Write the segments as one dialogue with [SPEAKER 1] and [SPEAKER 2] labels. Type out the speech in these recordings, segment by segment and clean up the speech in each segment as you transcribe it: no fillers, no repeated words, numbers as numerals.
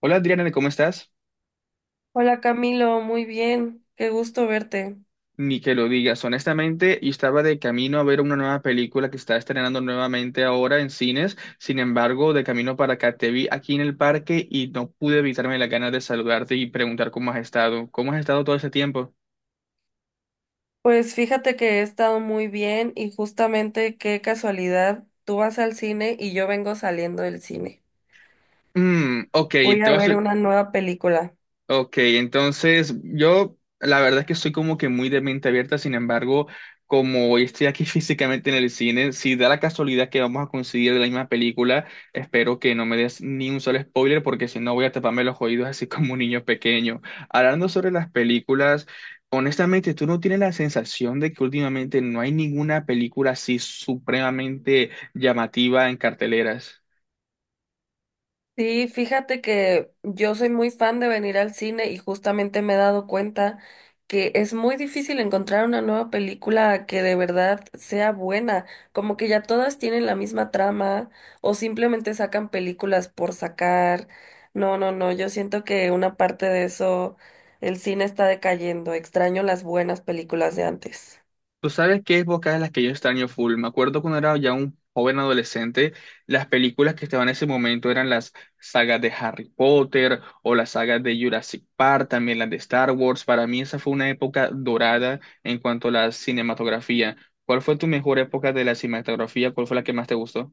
[SPEAKER 1] Hola Adriana, ¿cómo estás?
[SPEAKER 2] Hola Camilo, muy bien, qué gusto verte.
[SPEAKER 1] Ni que lo digas, honestamente, yo estaba de camino a ver una nueva película que está estrenando nuevamente ahora en cines, sin embargo, de camino para acá te vi aquí en el parque y no pude evitarme las ganas de saludarte y preguntar cómo has estado todo ese tiempo.
[SPEAKER 2] Pues fíjate que he estado muy bien y justamente qué casualidad, tú vas al cine y yo vengo saliendo del cine.
[SPEAKER 1] Mm, ok,
[SPEAKER 2] Voy
[SPEAKER 1] te
[SPEAKER 2] a
[SPEAKER 1] vas.
[SPEAKER 2] ver una nueva película.
[SPEAKER 1] Ok, entonces yo la verdad es que soy como que muy de mente abierta, sin embargo, como hoy estoy aquí físicamente en el cine, si da la casualidad que vamos a coincidir de la misma película, espero que no me des ni un solo spoiler porque si no voy a taparme los oídos así como un niño pequeño. Hablando sobre las películas, honestamente, ¿tú no tienes la sensación de que últimamente no hay ninguna película así supremamente llamativa en carteleras?
[SPEAKER 2] Sí, fíjate que yo soy muy fan de venir al cine y justamente me he dado cuenta que es muy difícil encontrar una nueva película que de verdad sea buena, como que ya todas tienen la misma trama o simplemente sacan películas por sacar. No, no, no, yo siento que una parte de eso, el cine está decayendo, extraño las buenas películas de antes.
[SPEAKER 1] Tú sabes qué épocas en las que yo extraño full. Me acuerdo cuando era ya un joven adolescente, las películas que estaban en ese momento eran las sagas de Harry Potter o las sagas de Jurassic Park, también las de Star Wars. Para mí esa fue una época dorada en cuanto a la cinematografía. ¿Cuál fue tu mejor época de la cinematografía? ¿Cuál fue la que más te gustó?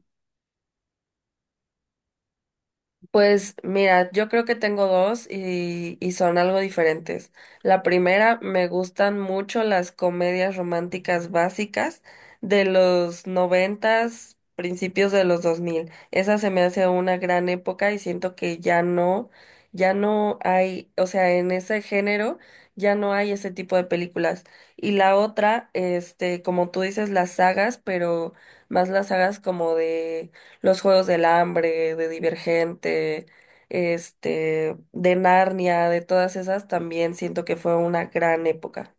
[SPEAKER 2] Pues mira, yo creo que tengo dos y son algo diferentes. La primera, me gustan mucho las comedias románticas básicas de los noventas, principios de los dos mil. Esa se me hace una gran época y siento que ya no hay, o sea, en ese género ya no hay ese tipo de películas. Y la otra, como tú dices, las sagas, pero más las sagas como de los Juegos del Hambre, de Divergente, de Narnia, de todas esas, también siento que fue una gran época.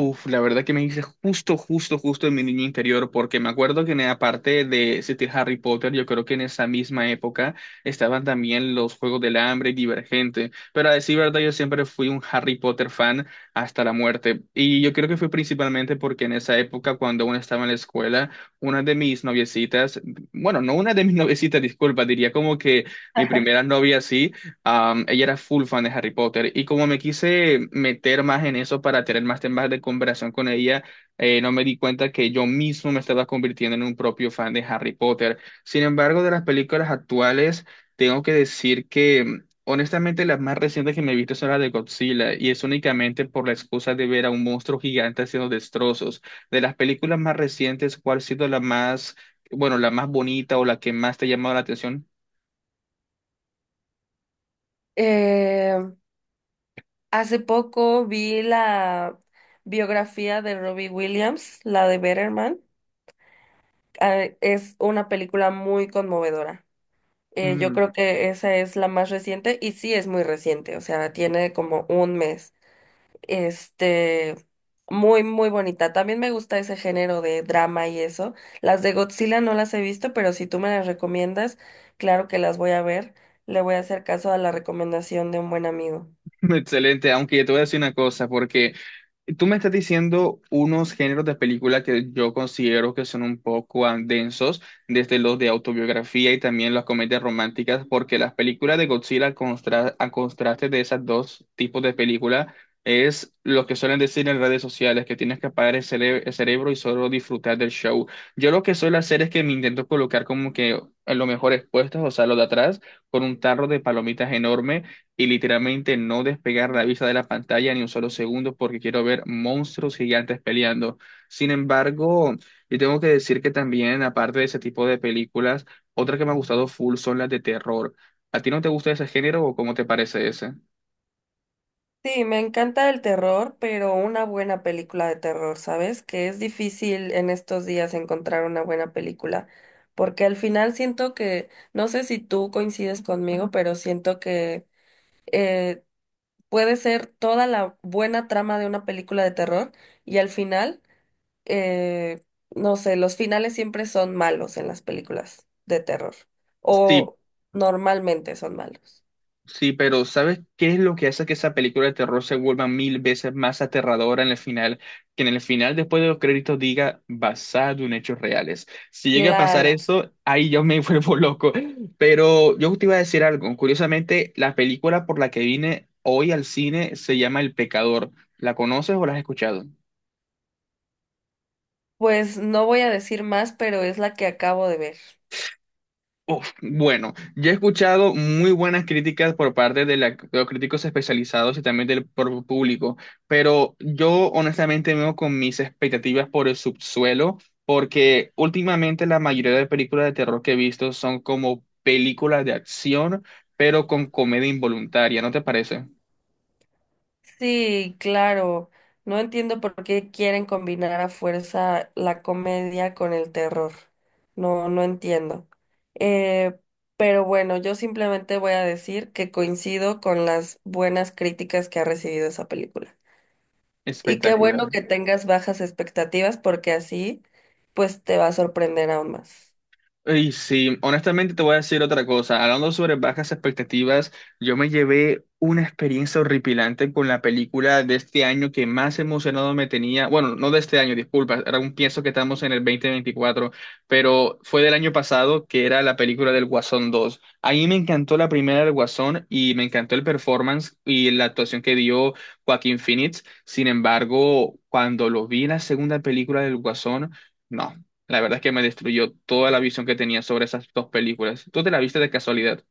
[SPEAKER 1] Uf, la verdad que me hice justo, justo, justo en mi niño interior, porque me acuerdo que aparte de existir Harry Potter, yo creo que en esa misma época estaban también los Juegos del Hambre y Divergente. Pero a decir verdad, yo siempre fui un Harry Potter fan hasta la muerte. Y yo creo que fue principalmente porque en esa época, cuando aún estaba en la escuela, una de mis noviecitas, bueno, no una de mis noviecitas, disculpa, diría como que mi primera novia sí. Ella era full fan de Harry Potter y como me quise meter más en eso para tener más temas de conversación con ella, no me di cuenta que yo mismo me estaba convirtiendo en un propio fan de Harry Potter. Sin embargo, de las películas actuales, tengo que decir que honestamente las más recientes que me he visto son las de Godzilla y es únicamente por la excusa de ver a un monstruo gigante haciendo destrozos. De las películas más recientes, ¿cuál ha sido la más, bueno, la más bonita o la que más te ha llamado la atención?
[SPEAKER 2] Eh, hace poco vi la biografía de Robbie Williams, la de Better Man. Ah, es una película muy conmovedora. Yo
[SPEAKER 1] Mm.
[SPEAKER 2] creo que esa es la más reciente y sí es muy reciente, o sea, tiene como un mes. Este, muy, muy bonita. También me gusta ese género de drama y eso. Las de Godzilla no las he visto, pero si tú me las recomiendas, claro que las voy a ver. Le voy a hacer caso a la recomendación de un buen amigo.
[SPEAKER 1] Excelente, aunque yo te voy a decir una cosa, porque tú me estás diciendo unos géneros de película que yo considero que son un poco densos, desde los de autobiografía y también las comedias románticas, porque las películas de Godzilla, a contraste de esos dos tipos de películas, es lo que suelen decir en redes sociales, que tienes que apagar el, el cerebro y solo disfrutar del show. Yo lo que suelo hacer es que me intento colocar como que en los mejores puestos, o sea, los de atrás, con un tarro de palomitas enorme y literalmente no despegar la vista de la pantalla ni un solo segundo porque quiero ver monstruos gigantes peleando. Sin embargo, yo tengo que decir que también, aparte de ese tipo de películas, otra que me ha gustado full son las de terror. ¿A ti no te gusta ese género o cómo te parece ese?
[SPEAKER 2] Sí, me encanta el terror, pero una buena película de terror, ¿sabes? Que es difícil en estos días encontrar una buena película, porque al final siento que, no sé si tú coincides conmigo, pero siento que eh, Puede ser toda la buena trama de una película de terror y al final, eh, no sé, los finales siempre son malos en las películas de terror
[SPEAKER 1] Sí.
[SPEAKER 2] o normalmente son malos.
[SPEAKER 1] Sí, pero ¿sabes qué es lo que hace que esa película de terror se vuelva mil veces más aterradora en el final? Que en el final, después de los créditos, diga basado en hechos reales. Si llega a pasar
[SPEAKER 2] Claro,
[SPEAKER 1] eso, ahí yo me vuelvo loco. Pero yo te iba a decir algo. Curiosamente, la película por la que vine hoy al cine se llama El Pecador. ¿La conoces o la has escuchado?
[SPEAKER 2] pues no voy a decir más, pero es la que acabo de ver.
[SPEAKER 1] Uf, bueno, yo he escuchado muy buenas críticas por parte de, de los críticos especializados y también del propio público, pero yo honestamente me veo con mis expectativas por el subsuelo, porque últimamente la mayoría de películas de terror que he visto son como películas de acción, pero con comedia involuntaria, ¿no te parece?
[SPEAKER 2] Sí, claro. No entiendo por qué quieren combinar a fuerza la comedia con el terror. No, no entiendo. Eh, pero bueno, yo simplemente voy a decir que coincido con las buenas críticas que ha recibido esa película. Y qué
[SPEAKER 1] Espectacular.
[SPEAKER 2] bueno que tengas bajas expectativas porque así, pues te va a sorprender aún más.
[SPEAKER 1] Y sí, honestamente te voy a decir otra cosa. Hablando sobre bajas expectativas, yo me llevé una experiencia horripilante con la película de este año que más emocionado me tenía. Bueno, no de este año, disculpa, era un pienso que estamos en el dos mil veinticuatro, pero fue del año pasado que era la película del Guasón dos. A mí me encantó la primera del Guasón y me encantó el performance y la actuación que dio Joaquín Phoenix. Sin embargo, cuando lo vi en la segunda película del Guasón, no. La verdad es que me destruyó toda la visión que tenía sobre esas dos películas. ¿Tú te la viste de casualidad?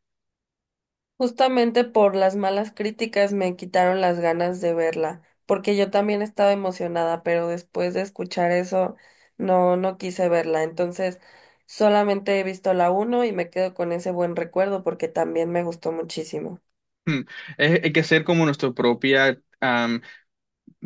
[SPEAKER 2] Justamente por las malas críticas me quitaron las ganas de verla, porque yo también estaba emocionada, pero después de escuchar eso no no quise verla. Entonces, solamente he visto la 1 y me quedo con ese buen recuerdo porque también me gustó muchísimo.
[SPEAKER 1] Hmm. Hay que ser como nuestra propia,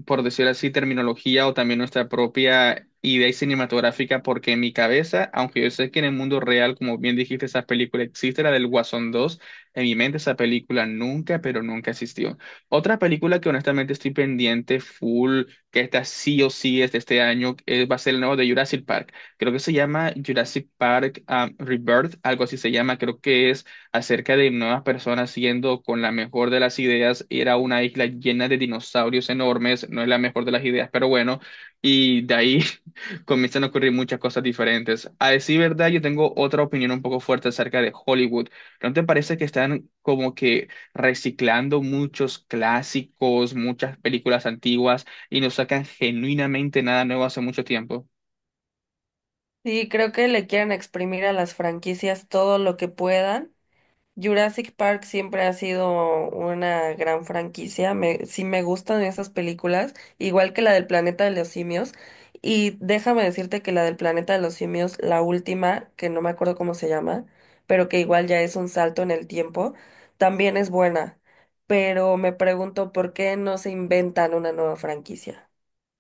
[SPEAKER 1] por decirlo así, terminología o también nuestra propia idea cinematográfica, porque en mi cabeza, aunque yo sé que en el mundo real, como bien dijiste, esa película existe, la del Guasón 2, en mi mente esa película nunca, pero nunca existió. Otra película que honestamente estoy pendiente, full, que está sí o sí es de este año, va a ser el nuevo de Jurassic Park. Creo que se llama Jurassic Park, Rebirth, algo así se llama, creo que es acerca de nuevas personas siendo con la mejor de las ideas, era una isla llena de dinosaurios enormes, no es la mejor de las ideas, pero bueno, y de ahí comienzan a ocurrir muchas cosas diferentes. A decir verdad, yo tengo otra opinión un poco fuerte acerca de Hollywood. ¿No te parece que están como que reciclando muchos clásicos, muchas películas antiguas y no sacan genuinamente nada nuevo hace mucho tiempo?
[SPEAKER 2] Sí, creo que le quieren exprimir a las franquicias todo lo que puedan. Jurassic Park siempre ha sido una gran franquicia. Sí me gustan esas películas, igual que la del Planeta de los Simios. Y déjame decirte que la del Planeta de los Simios, la última, que no me acuerdo cómo se llama, pero que igual ya es un salto en el tiempo, también es buena. Pero me pregunto por qué no se inventan una nueva franquicia.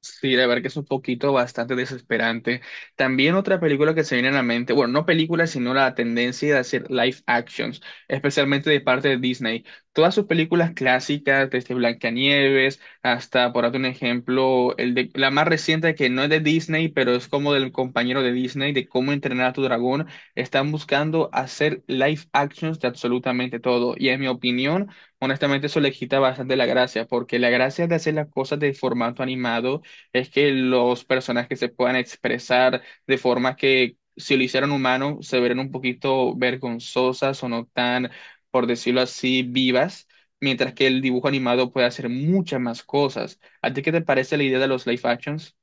[SPEAKER 1] Sí, la verdad que es un poquito bastante desesperante. También otra película que se viene a la mente, bueno, no película, sino la tendencia de hacer live actions, especialmente de parte de Disney. Todas sus películas clásicas, desde Blancanieves hasta, por darte un ejemplo, el de, la más reciente que no es de Disney, pero es como del compañero de Disney, de cómo entrenar a tu dragón, están buscando hacer live actions de absolutamente todo. Y en mi opinión, honestamente, eso le quita bastante la gracia, porque la gracia de hacer las cosas de formato animado es que los personajes se puedan expresar de formas que si lo hicieran humano se verían un poquito vergonzosas o no tan, por decirlo así, vivas, mientras que el dibujo animado puede hacer muchas más cosas. ¿A ti qué te parece la idea de los live actions?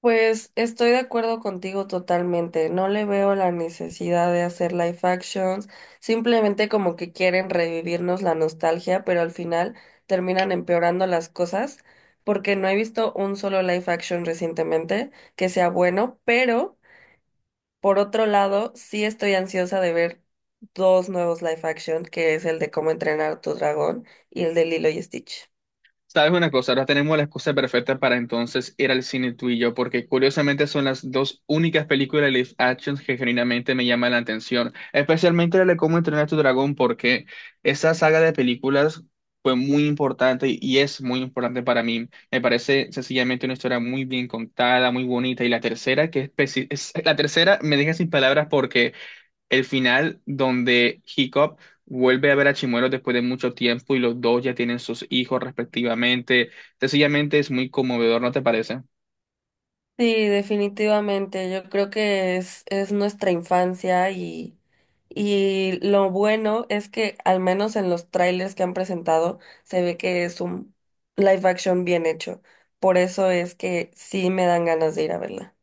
[SPEAKER 2] Pues estoy de acuerdo contigo totalmente. No le veo la necesidad de hacer live actions. Simplemente como que quieren revivirnos la nostalgia, pero al final terminan empeorando las cosas porque no he visto un solo live action recientemente que sea bueno, pero por otro lado, sí estoy ansiosa de ver dos nuevos live action, que es el de Cómo entrenar a tu dragón y el de Lilo y Stitch.
[SPEAKER 1] Sabes una cosa, ahora tenemos la excusa perfecta para entonces ir al cine tú y yo, porque curiosamente son las dos únicas películas de live action que genuinamente me llaman la atención, especialmente la de Cómo entrenar a tu dragón, porque esa saga de películas fue muy importante y es muy importante para mí. Me parece sencillamente una historia muy bien contada, muy bonita, y la tercera que es, la tercera me deja sin palabras, el final donde Hiccup vuelve a ver a Chimuelo después de mucho tiempo y los dos ya tienen sus hijos respectivamente. Sencillamente es muy conmovedor, ¿no te parece?
[SPEAKER 2] Sí, definitivamente. Yo creo que es nuestra infancia y lo bueno es que al menos en los trailers que han presentado se ve que es un live action bien hecho. Por eso es que sí me dan ganas de ir a verla.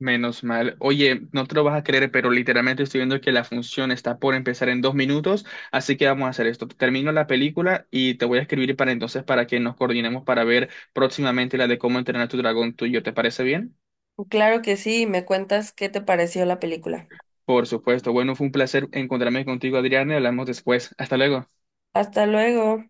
[SPEAKER 1] Menos mal. Oye, no te lo vas a creer, pero literalmente estoy viendo que la función está por empezar en dos minutos, así que vamos a hacer esto. Termino la película y te voy a escribir para entonces para que nos coordinemos para ver próximamente la de cómo entrenar a tu dragón tuyo. ¿Te parece bien?
[SPEAKER 2] Claro que sí, me cuentas qué te pareció la película.
[SPEAKER 1] Por supuesto. Bueno, fue un placer encontrarme contigo, Adriana, y hablamos después. Hasta luego.
[SPEAKER 2] Hasta luego.